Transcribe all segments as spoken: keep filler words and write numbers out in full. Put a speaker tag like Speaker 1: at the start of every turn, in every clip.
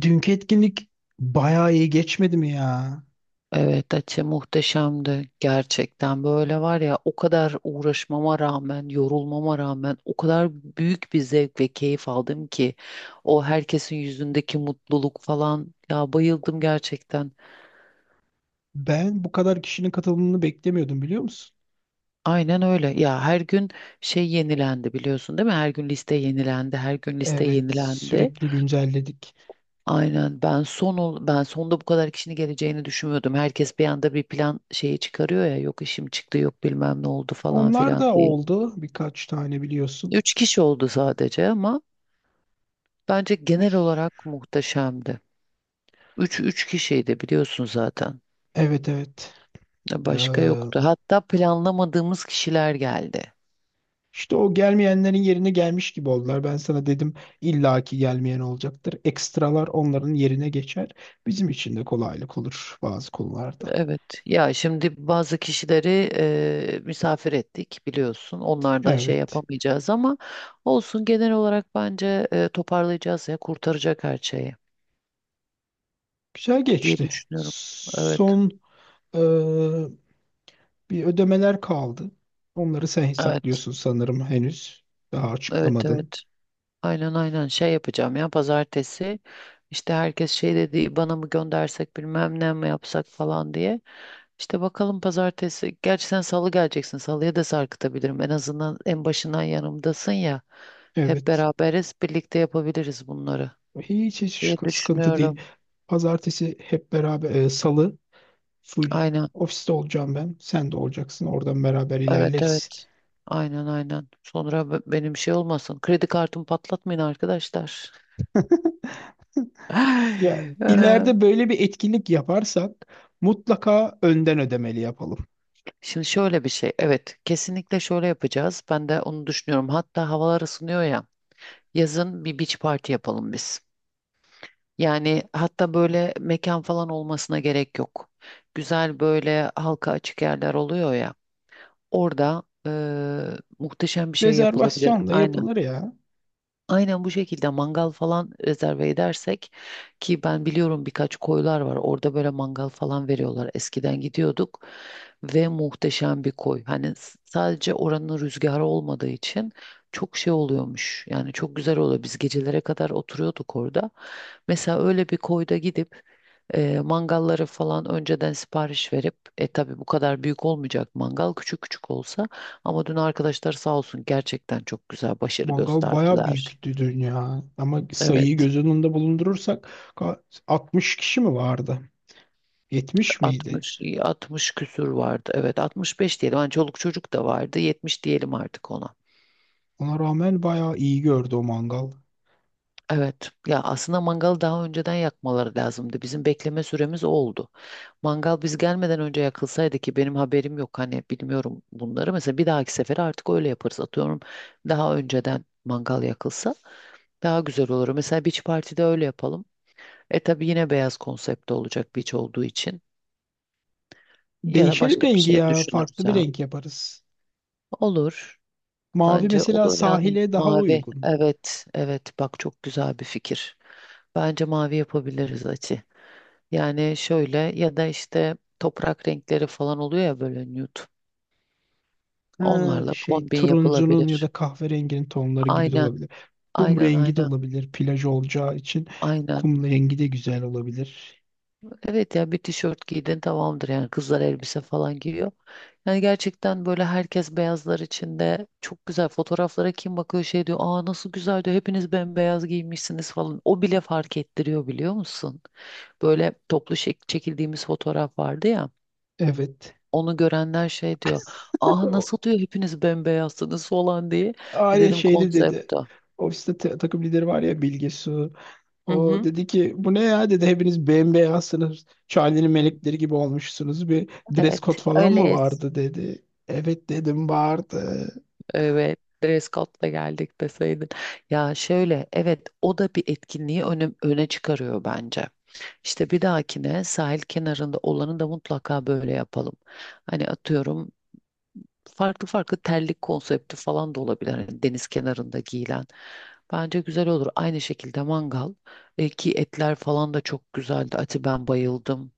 Speaker 1: Dünkü etkinlik bayağı iyi geçmedi mi ya?
Speaker 2: Evet, Ate muhteşemdi. Gerçekten böyle var ya, o kadar uğraşmama rağmen, yorulmama rağmen o kadar büyük bir zevk ve keyif aldım ki o herkesin yüzündeki mutluluk falan, ya bayıldım gerçekten.
Speaker 1: Ben bu kadar kişinin katılımını beklemiyordum, biliyor musun?
Speaker 2: Aynen öyle. Ya her gün şey yenilendi, biliyorsun değil mi? Her gün liste yenilendi, her gün liste
Speaker 1: Evet,
Speaker 2: yenilendi.
Speaker 1: sürekli güncelledik.
Speaker 2: Aynen, ben son ol- ben sonda bu kadar kişinin geleceğini düşünmüyordum. Herkes bir anda bir plan şeyi çıkarıyor ya, yok işim çıktı, yok bilmem ne oldu falan
Speaker 1: Onlar
Speaker 2: filan
Speaker 1: da
Speaker 2: diye.
Speaker 1: oldu birkaç tane, biliyorsun.
Speaker 2: Üç kişi oldu sadece, ama bence genel olarak muhteşemdi. Üç, üç kişiydi biliyorsun zaten.
Speaker 1: Evet, evet. Ee,
Speaker 2: Başka yoktu. Hatta planlamadığımız kişiler geldi.
Speaker 1: işte o gelmeyenlerin yerine gelmiş gibi oldular. Ben sana dedim, illaki gelmeyen olacaktır. Ekstralar onların yerine geçer. Bizim için de kolaylık olur bazı konularda.
Speaker 2: Evet. Ya şimdi bazı kişileri e, misafir ettik biliyorsun. Onlar da şey
Speaker 1: Evet.
Speaker 2: yapamayacağız ama olsun, genel olarak bence e, toparlayacağız ya, kurtaracak her şeyi
Speaker 1: Güzel
Speaker 2: diye
Speaker 1: geçti.
Speaker 2: düşünüyorum. Evet.
Speaker 1: Son ee, Bir ödemeler kaldı. Onları sen
Speaker 2: Evet.
Speaker 1: hesaplıyorsun sanırım henüz. Daha
Speaker 2: Evet.
Speaker 1: açıklamadın.
Speaker 2: Evet. Aynen, aynen, şey yapacağım ya pazartesi. İşte herkes şey dedi, bana mı göndersek, bilmem ne mi yapsak falan diye. İşte bakalım pazartesi, gerçi sen salı geleceksin, salıya da sarkıtabilirim. En azından en başından yanımdasın ya, hep
Speaker 1: Evet.
Speaker 2: beraberiz, birlikte yapabiliriz bunları
Speaker 1: Hiç hiç
Speaker 2: diye
Speaker 1: şık- sıkıntı değil.
Speaker 2: düşünüyorum.
Speaker 1: Pazartesi hep beraber e, salı full
Speaker 2: Aynen,
Speaker 1: ofiste olacağım ben. Sen de olacaksın. Oradan beraber
Speaker 2: evet, evet,
Speaker 1: ilerleriz.
Speaker 2: aynen, aynen, sonra be- benim şey olmasın, kredi kartımı patlatmayın arkadaşlar.
Speaker 1: Ya
Speaker 2: Ay,
Speaker 1: ileride böyle bir etkinlik yaparsak mutlaka önden ödemeli yapalım.
Speaker 2: şimdi şöyle bir şey. Evet, kesinlikle şöyle yapacağız. Ben de onu düşünüyorum. Hatta havalar ısınıyor ya. Yazın bir beach party yapalım biz. Yani hatta böyle mekan falan olmasına gerek yok. Güzel böyle halka açık yerler oluyor ya. Orada eee, muhteşem bir şey yapılabilir.
Speaker 1: Rezervasyonla
Speaker 2: Aynen.
Speaker 1: yapılır ya.
Speaker 2: Aynen bu şekilde mangal falan rezerve edersek, ki ben biliyorum, birkaç koylar var orada böyle mangal falan veriyorlar, eskiden gidiyorduk ve muhteşem bir koy. Hani s- sadece oranın rüzgarı olmadığı için çok şey oluyormuş, yani çok güzel oluyor, biz gecelere kadar oturuyorduk orada. Mesela öyle bir koyda gidip e, mangalları falan önceden sipariş verip, e tabii bu kadar büyük olmayacak, mangal küçük küçük olsa. Ama dün arkadaşlar sağ olsun, gerçekten çok güzel başarı
Speaker 1: Mangal bayağı
Speaker 2: gösterdiler.
Speaker 1: büyüktü dün ya. Ama sayıyı
Speaker 2: Evet,
Speaker 1: göz önünde bulundurursak ka- altmış kişi mi vardı? yetmiş miydi?
Speaker 2: altmış, altmış küsür vardı. Evet, altmış beş diyelim. Hani çoluk çocuk da vardı. yetmiş diyelim artık ona.
Speaker 1: Ona rağmen bayağı iyi gördü o mangal.
Speaker 2: Evet. Ya aslında mangalı daha önceden yakmaları lazımdı. Bizim bekleme süremiz o oldu. Mangal biz gelmeden önce yakılsaydı, ki benim haberim yok, hani bilmiyorum bunları. Mesela bir dahaki sefere artık öyle yaparız. Atıyorum, daha önceden mangal yakılsa daha güzel olur. Mesela beach party'de öyle yapalım. E tabii yine beyaz konsepte olacak, beach olduğu için. Ya da
Speaker 1: Değişelim
Speaker 2: başka bir
Speaker 1: rengi
Speaker 2: şey
Speaker 1: ya.
Speaker 2: düşünürüz
Speaker 1: Farklı bir
Speaker 2: ya.
Speaker 1: renk yaparız.
Speaker 2: Olur.
Speaker 1: Mavi
Speaker 2: Bence o
Speaker 1: mesela
Speaker 2: da, yani
Speaker 1: sahile daha
Speaker 2: mavi.
Speaker 1: uygun.
Speaker 2: Evet, evet. Bak çok güzel bir fikir. Bence mavi yapabiliriz açı. Yani şöyle, ya da işte toprak renkleri falan oluyor ya, böyle nude.
Speaker 1: Ha,
Speaker 2: Onlarla
Speaker 1: şey,
Speaker 2: kombin
Speaker 1: turuncunun ya da
Speaker 2: yapılabilir.
Speaker 1: kahverenginin tonları gibi de
Speaker 2: Aynen,
Speaker 1: olabilir. Kum
Speaker 2: aynen,
Speaker 1: rengi de
Speaker 2: aynen,
Speaker 1: olabilir plaj olacağı için.
Speaker 2: aynen.
Speaker 1: Kum rengi de güzel olabilir.
Speaker 2: Evet ya, bir tişört giydin tamamdır, yani kızlar elbise falan giyiyor. Yani gerçekten böyle herkes beyazlar içinde, çok güzel fotoğraflara kim bakıyor şey diyor, aa nasıl güzel diyor, hepiniz bembeyaz giymişsiniz falan. O bile fark ettiriyor, biliyor musun? Böyle toplu şek- çekildiğimiz fotoğraf vardı ya,
Speaker 1: Evet.
Speaker 2: onu görenler şey diyor, aa
Speaker 1: O
Speaker 2: nasıl diyor, hepiniz bembeyazsınız falan diye. E
Speaker 1: aynı
Speaker 2: dedim,
Speaker 1: şeyde dedi.
Speaker 2: konsept.
Speaker 1: Ofiste ta- takım lideri var ya, Bilge Su.
Speaker 2: Hı
Speaker 1: O
Speaker 2: hı.
Speaker 1: dedi ki bu ne ya, dedi, hepiniz bembeyazsınız. Charlie'nin
Speaker 2: Hı.
Speaker 1: melekleri gibi olmuşsunuz. Bir dress
Speaker 2: Evet,
Speaker 1: code falan mı
Speaker 2: öyle.
Speaker 1: vardı, dedi. Evet, dedim, vardı.
Speaker 2: Evet, dress code'la geldik deseydin. Ya şöyle, evet, o da bir etkinliği öne, öne çıkarıyor bence. İşte bir dahakine sahil kenarında olanı da mutlaka böyle yapalım. Hani atıyorum, farklı farklı terlik konsepti falan da olabilir, hani deniz kenarında giyilen. Bence güzel olur. Aynı şekilde mangal. E, ki etler falan da çok güzeldi. Ati, ben bayıldım.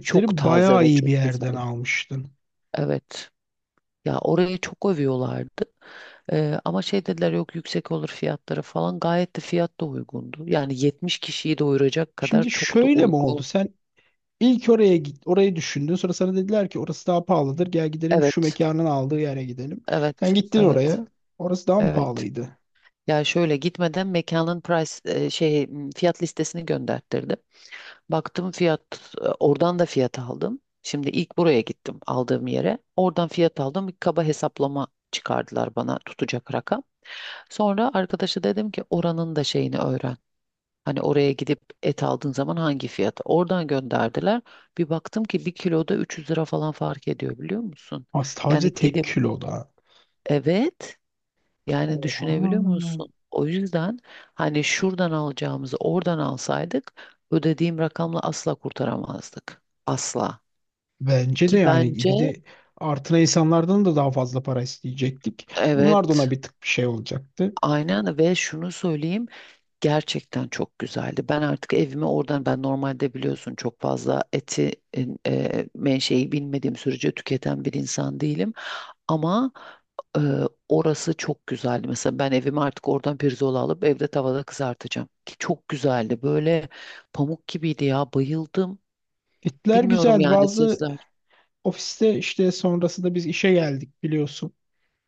Speaker 2: Çok taze
Speaker 1: bayağı
Speaker 2: ve
Speaker 1: iyi bir
Speaker 2: çok
Speaker 1: yerden
Speaker 2: güzel.
Speaker 1: almıştın.
Speaker 2: Evet. Ya orayı çok övüyorlardı. Ee, ama şey dediler, yok yüksek olur fiyatları falan. Gayet de fiyat da uygundu. Yani yetmiş kişiyi doyuracak kadar,
Speaker 1: Şimdi
Speaker 2: çok da
Speaker 1: şöyle mi oldu?
Speaker 2: uygun.
Speaker 1: Sen ilk oraya git, orayı düşündün. Sonra sana dediler ki orası daha pahalıdır, gel gidelim şu
Speaker 2: Evet,
Speaker 1: mekanın aldığı yere gidelim. Sen
Speaker 2: evet,
Speaker 1: gittin
Speaker 2: evet,
Speaker 1: oraya. Orası daha mı
Speaker 2: evet.
Speaker 1: pahalıydı?
Speaker 2: Ya şöyle, gitmeden mekanın price e, şey m, fiyat listesini gönderttirdim. Baktım fiyat, e, oradan da fiyat aldım. Şimdi ilk buraya gittim, aldığım yere. Oradan fiyat aldım. Bir kaba hesaplama çıkardılar bana, tutacak rakam. Sonra arkadaşa dedim ki oranın da şeyini öğren. Hani oraya gidip et aldığın zaman hangi fiyat? Oradan gönderdiler. Bir baktım ki bir kiloda üç yüz lira falan fark ediyor, biliyor musun?
Speaker 1: Ha,
Speaker 2: Yani
Speaker 1: sadece tek
Speaker 2: gidip,
Speaker 1: kiloda.
Speaker 2: evet, yani
Speaker 1: Oha.
Speaker 2: düşünebiliyor musun? O yüzden hani şuradan alacağımızı oradan alsaydık, ödediğim rakamla asla kurtaramazdık. Asla.
Speaker 1: Bence
Speaker 2: Ki
Speaker 1: de, yani,
Speaker 2: bence,
Speaker 1: bir de artına insanlardan da daha fazla para isteyecektik. Onlar da
Speaker 2: evet,
Speaker 1: ona bir tık bir şey olacaktı.
Speaker 2: aynen, ve şunu söyleyeyim. Gerçekten çok güzeldi. Ben artık evime oradan Ben normalde biliyorsun, çok fazla eti e, menşei bilmediğim sürece tüketen bir insan değilim. Ama e, orası çok güzeldi. Mesela ben evime artık oradan pirzola alıp evde tavada kızartacağım. Ki çok güzeldi. Böyle pamuk gibiydi ya. Bayıldım.
Speaker 1: Gittiler,
Speaker 2: Bilmiyorum
Speaker 1: güzeldi.
Speaker 2: yani,
Speaker 1: Bazı
Speaker 2: sizler.
Speaker 1: ofiste işte sonrasında biz işe geldik, biliyorsun.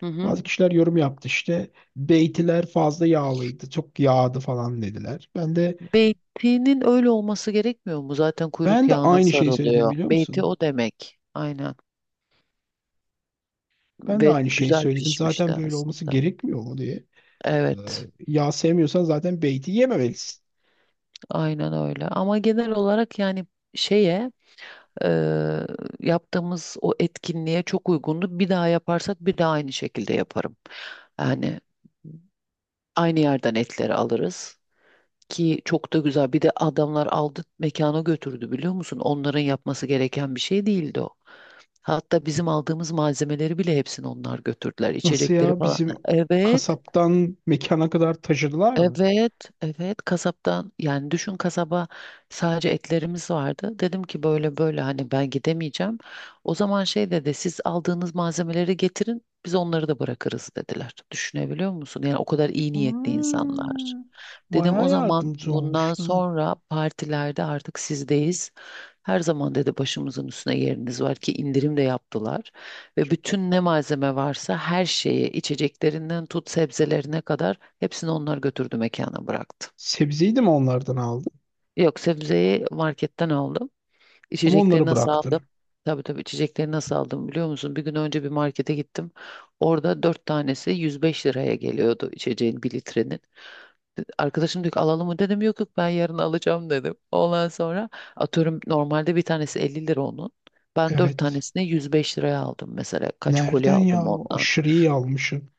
Speaker 2: Hı hı.
Speaker 1: Bazı kişiler yorum yaptı, işte beytiler fazla yağlıydı, çok yağdı falan dediler. Ben de
Speaker 2: Beytinin öyle olması gerekmiyor mu? Zaten kuyruk
Speaker 1: ben de
Speaker 2: yağına
Speaker 1: aynı şeyi söyledim,
Speaker 2: sarılıyor.
Speaker 1: biliyor
Speaker 2: Beyti
Speaker 1: musun?
Speaker 2: o demek. Aynen.
Speaker 1: Ben de
Speaker 2: Ve
Speaker 1: aynı şeyi
Speaker 2: güzel
Speaker 1: söyledim.
Speaker 2: pişmişti
Speaker 1: Zaten böyle olması
Speaker 2: aslında.
Speaker 1: gerekmiyor mu diye. Ee,
Speaker 2: Evet,
Speaker 1: Yağ sevmiyorsan zaten beyti yememelisin.
Speaker 2: aynen öyle. Ama genel olarak yani şeye e, yaptığımız o etkinliğe çok uygundu. Bir daha yaparsak bir daha aynı şekilde yaparım. Yani aynı yerden etleri alırız, ki çok da güzel. Bir de adamlar aldı, mekana götürdü, biliyor musun? Onların yapması gereken bir şey değildi o. Hatta bizim aldığımız malzemeleri bile hepsini onlar götürdüler,
Speaker 1: Nasıl
Speaker 2: İçecekleri
Speaker 1: ya?
Speaker 2: falan.
Speaker 1: Bizim
Speaker 2: Evet.
Speaker 1: kasaptan mekana kadar taşıdılar mı?
Speaker 2: Evet, evet, kasaptan, yani düşün kasaba sadece etlerimiz vardı. Dedim ki böyle böyle, hani ben gidemeyeceğim. O zaman şey dedi, siz aldığınız malzemeleri getirin, biz onları da bırakırız dediler. Düşünebiliyor musun? Yani o kadar iyi niyetli insanlar.
Speaker 1: Hmm,
Speaker 2: Dedim o
Speaker 1: bayağı
Speaker 2: zaman
Speaker 1: yardımcı
Speaker 2: bundan
Speaker 1: olmuşlar.
Speaker 2: sonra partilerde artık sizdeyiz. Her zaman dedi, başımızın üstüne, yeriniz var, ki indirim de yaptılar. Ve bütün ne malzeme varsa her şeyi, içeceklerinden tut sebzelerine kadar hepsini onlar götürdü, mekana bıraktı.
Speaker 1: Sebzeyi de mi onlardan aldın?
Speaker 2: Yok, sebzeyi marketten aldım.
Speaker 1: Ama
Speaker 2: İçecekleri
Speaker 1: onları
Speaker 2: nasıl
Speaker 1: bıraktın.
Speaker 2: aldım? Tabii tabii, içecekleri nasıl aldım biliyor musun? Bir gün önce bir markete gittim. Orada dört tanesi yüz beş liraya geliyordu, içeceğin bir litrenin. Arkadaşım diyor ki alalım mı, dedim yok yok, ben yarın alacağım dedim. Ondan sonra, atıyorum normalde bir tanesi elli lira onun. Ben dört
Speaker 1: Evet.
Speaker 2: tanesini yüz beş liraya aldım mesela. Kaç kolye
Speaker 1: Nereden
Speaker 2: aldım
Speaker 1: ya?
Speaker 2: ondan.
Speaker 1: Aşırı iyi almışsın.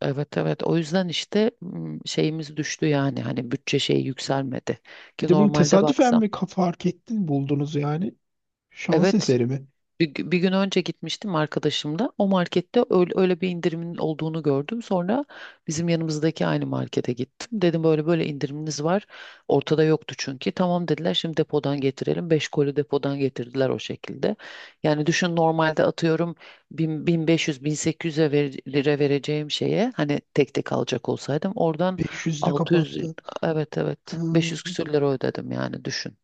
Speaker 2: Evet, evet, o yüzden işte, hmm, şeyimiz düştü, yani hani bütçe şeyi yükselmedi.
Speaker 1: Bir
Speaker 2: Ki
Speaker 1: de bunu
Speaker 2: normalde
Speaker 1: tesadüfen
Speaker 2: baksam,
Speaker 1: mi ka- fark ettin, buldunuz yani? Şans
Speaker 2: evet.
Speaker 1: eseri mi?
Speaker 2: Bir, gü- bir gün önce gitmiştim arkadaşımla. O markette öyle, öyle bir indirimin olduğunu gördüm. Sonra bizim yanımızdaki aynı markete gittim. Dedim böyle böyle, indiriminiz var. Ortada yoktu çünkü. Tamam dediler, şimdi depodan getirelim. Beş koli depodan getirdiler, o şekilde. Yani düşün, normalde atıyorum bin beş yüz bin sekiz yüze lira vereceğim şeye, hani tek tek alacak olsaydım oradan,
Speaker 1: Beş de
Speaker 2: altı yüz,
Speaker 1: kapattı.
Speaker 2: evet, evet,
Speaker 1: Ha,
Speaker 2: beş yüz küsür lira ödedim, yani düşün.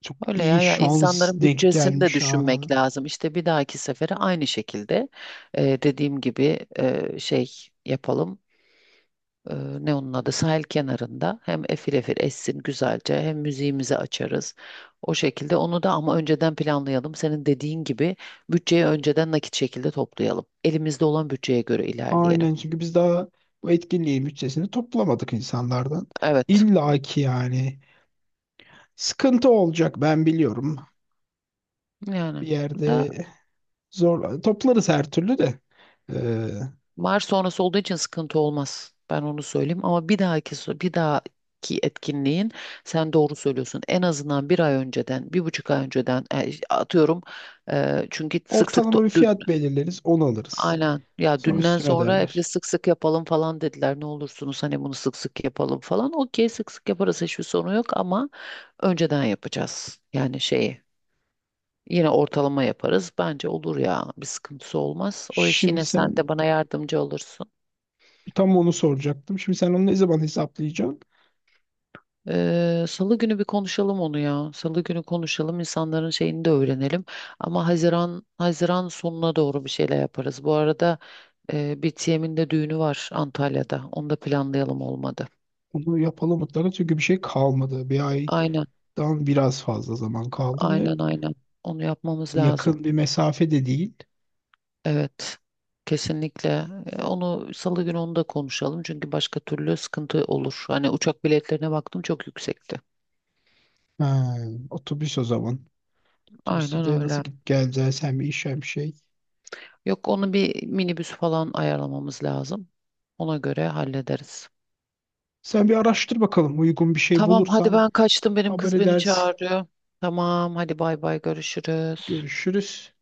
Speaker 1: çok
Speaker 2: Öyle
Speaker 1: iyi
Speaker 2: ya, ya
Speaker 1: şans
Speaker 2: insanların
Speaker 1: denk
Speaker 2: bütçesini de
Speaker 1: gelmiş ha.
Speaker 2: düşünmek lazım. İşte bir dahaki sefere aynı şekilde, e, dediğim gibi, e, şey yapalım. E, ne onun adı? Sahil kenarında hem efil efil essin güzelce, hem müziğimizi açarız. O şekilde onu da, ama önceden planlayalım. Senin dediğin gibi bütçeyi önceden nakit şekilde toplayalım. Elimizde olan bütçeye göre ilerleyelim.
Speaker 1: Aynen, çünkü biz daha bu etkinliğin bütçesini toplamadık insanlardan.
Speaker 2: Evet.
Speaker 1: İlla ki yani sıkıntı olacak, ben biliyorum. Bir
Speaker 2: Yani.
Speaker 1: yerde zor toplarız her türlü de. Ee,
Speaker 2: Var sonrası olduğu için sıkıntı olmaz. Ben onu söyleyeyim, ama bir dahaki so- bir dahaki etkinliğin, sen doğru söylüyorsun. En azından bir ay önceden, bir buçuk ay önceden, e, atıyorum. e, çünkü sık sık to-
Speaker 1: Ortalama bir
Speaker 2: dün,
Speaker 1: fiyat belirleriz, onu alırız.
Speaker 2: aynen, ya
Speaker 1: Sonra
Speaker 2: dünden
Speaker 1: üstüne
Speaker 2: sonra hep de
Speaker 1: öderler.
Speaker 2: sık sık yapalım falan dediler. Ne olursunuz hani, bunu sık sık yapalım falan. Okey, sık sık yaparız, hiçbir sorun yok ama önceden yapacağız. Yani şeyi, yine ortalama yaparız. Bence olur ya, bir sıkıntısı olmaz. O iş
Speaker 1: Şimdi
Speaker 2: yine, sen
Speaker 1: sen
Speaker 2: de bana yardımcı olursun.
Speaker 1: tam onu soracaktım. Şimdi sen onu ne zaman hesaplayacaksın?
Speaker 2: Ee, Salı günü bir konuşalım onu ya. Salı günü konuşalım, insanların şeyini de öğrenelim. Ama Haziran Haziran sonuna doğru bir şeyler yaparız. Bu arada e, bir T M'in de düğünü var Antalya'da. Onu da planlayalım, olmadı.
Speaker 1: Onu yapalım mutlaka çünkü bir şey kalmadı. Bir
Speaker 2: Aynen,
Speaker 1: aydan biraz fazla zaman kaldı ve
Speaker 2: aynen, aynen. Onu yapmamız lazım.
Speaker 1: yakın bir mesafe de değil.
Speaker 2: Evet, kesinlikle. E, Onu Salı günü, onu da konuşalım, çünkü başka türlü sıkıntı olur. Hani uçak biletlerine baktım, çok yüksekti.
Speaker 1: Ha, otobüs o zaman. Otobüste
Speaker 2: Aynen
Speaker 1: de nasıl
Speaker 2: öyle.
Speaker 1: gidip geleceğiz? Sen bir iş hem şey.
Speaker 2: Yok, onu bir minibüs falan ayarlamamız lazım. Ona göre hallederiz.
Speaker 1: Sen bir araştır bakalım, uygun bir şey
Speaker 2: Tamam hadi,
Speaker 1: bulursan
Speaker 2: ben kaçtım, benim
Speaker 1: haber
Speaker 2: kız beni
Speaker 1: edersin.
Speaker 2: çağırıyor. Tamam hadi, bay bay, görüşürüz.
Speaker 1: Görüşürüz.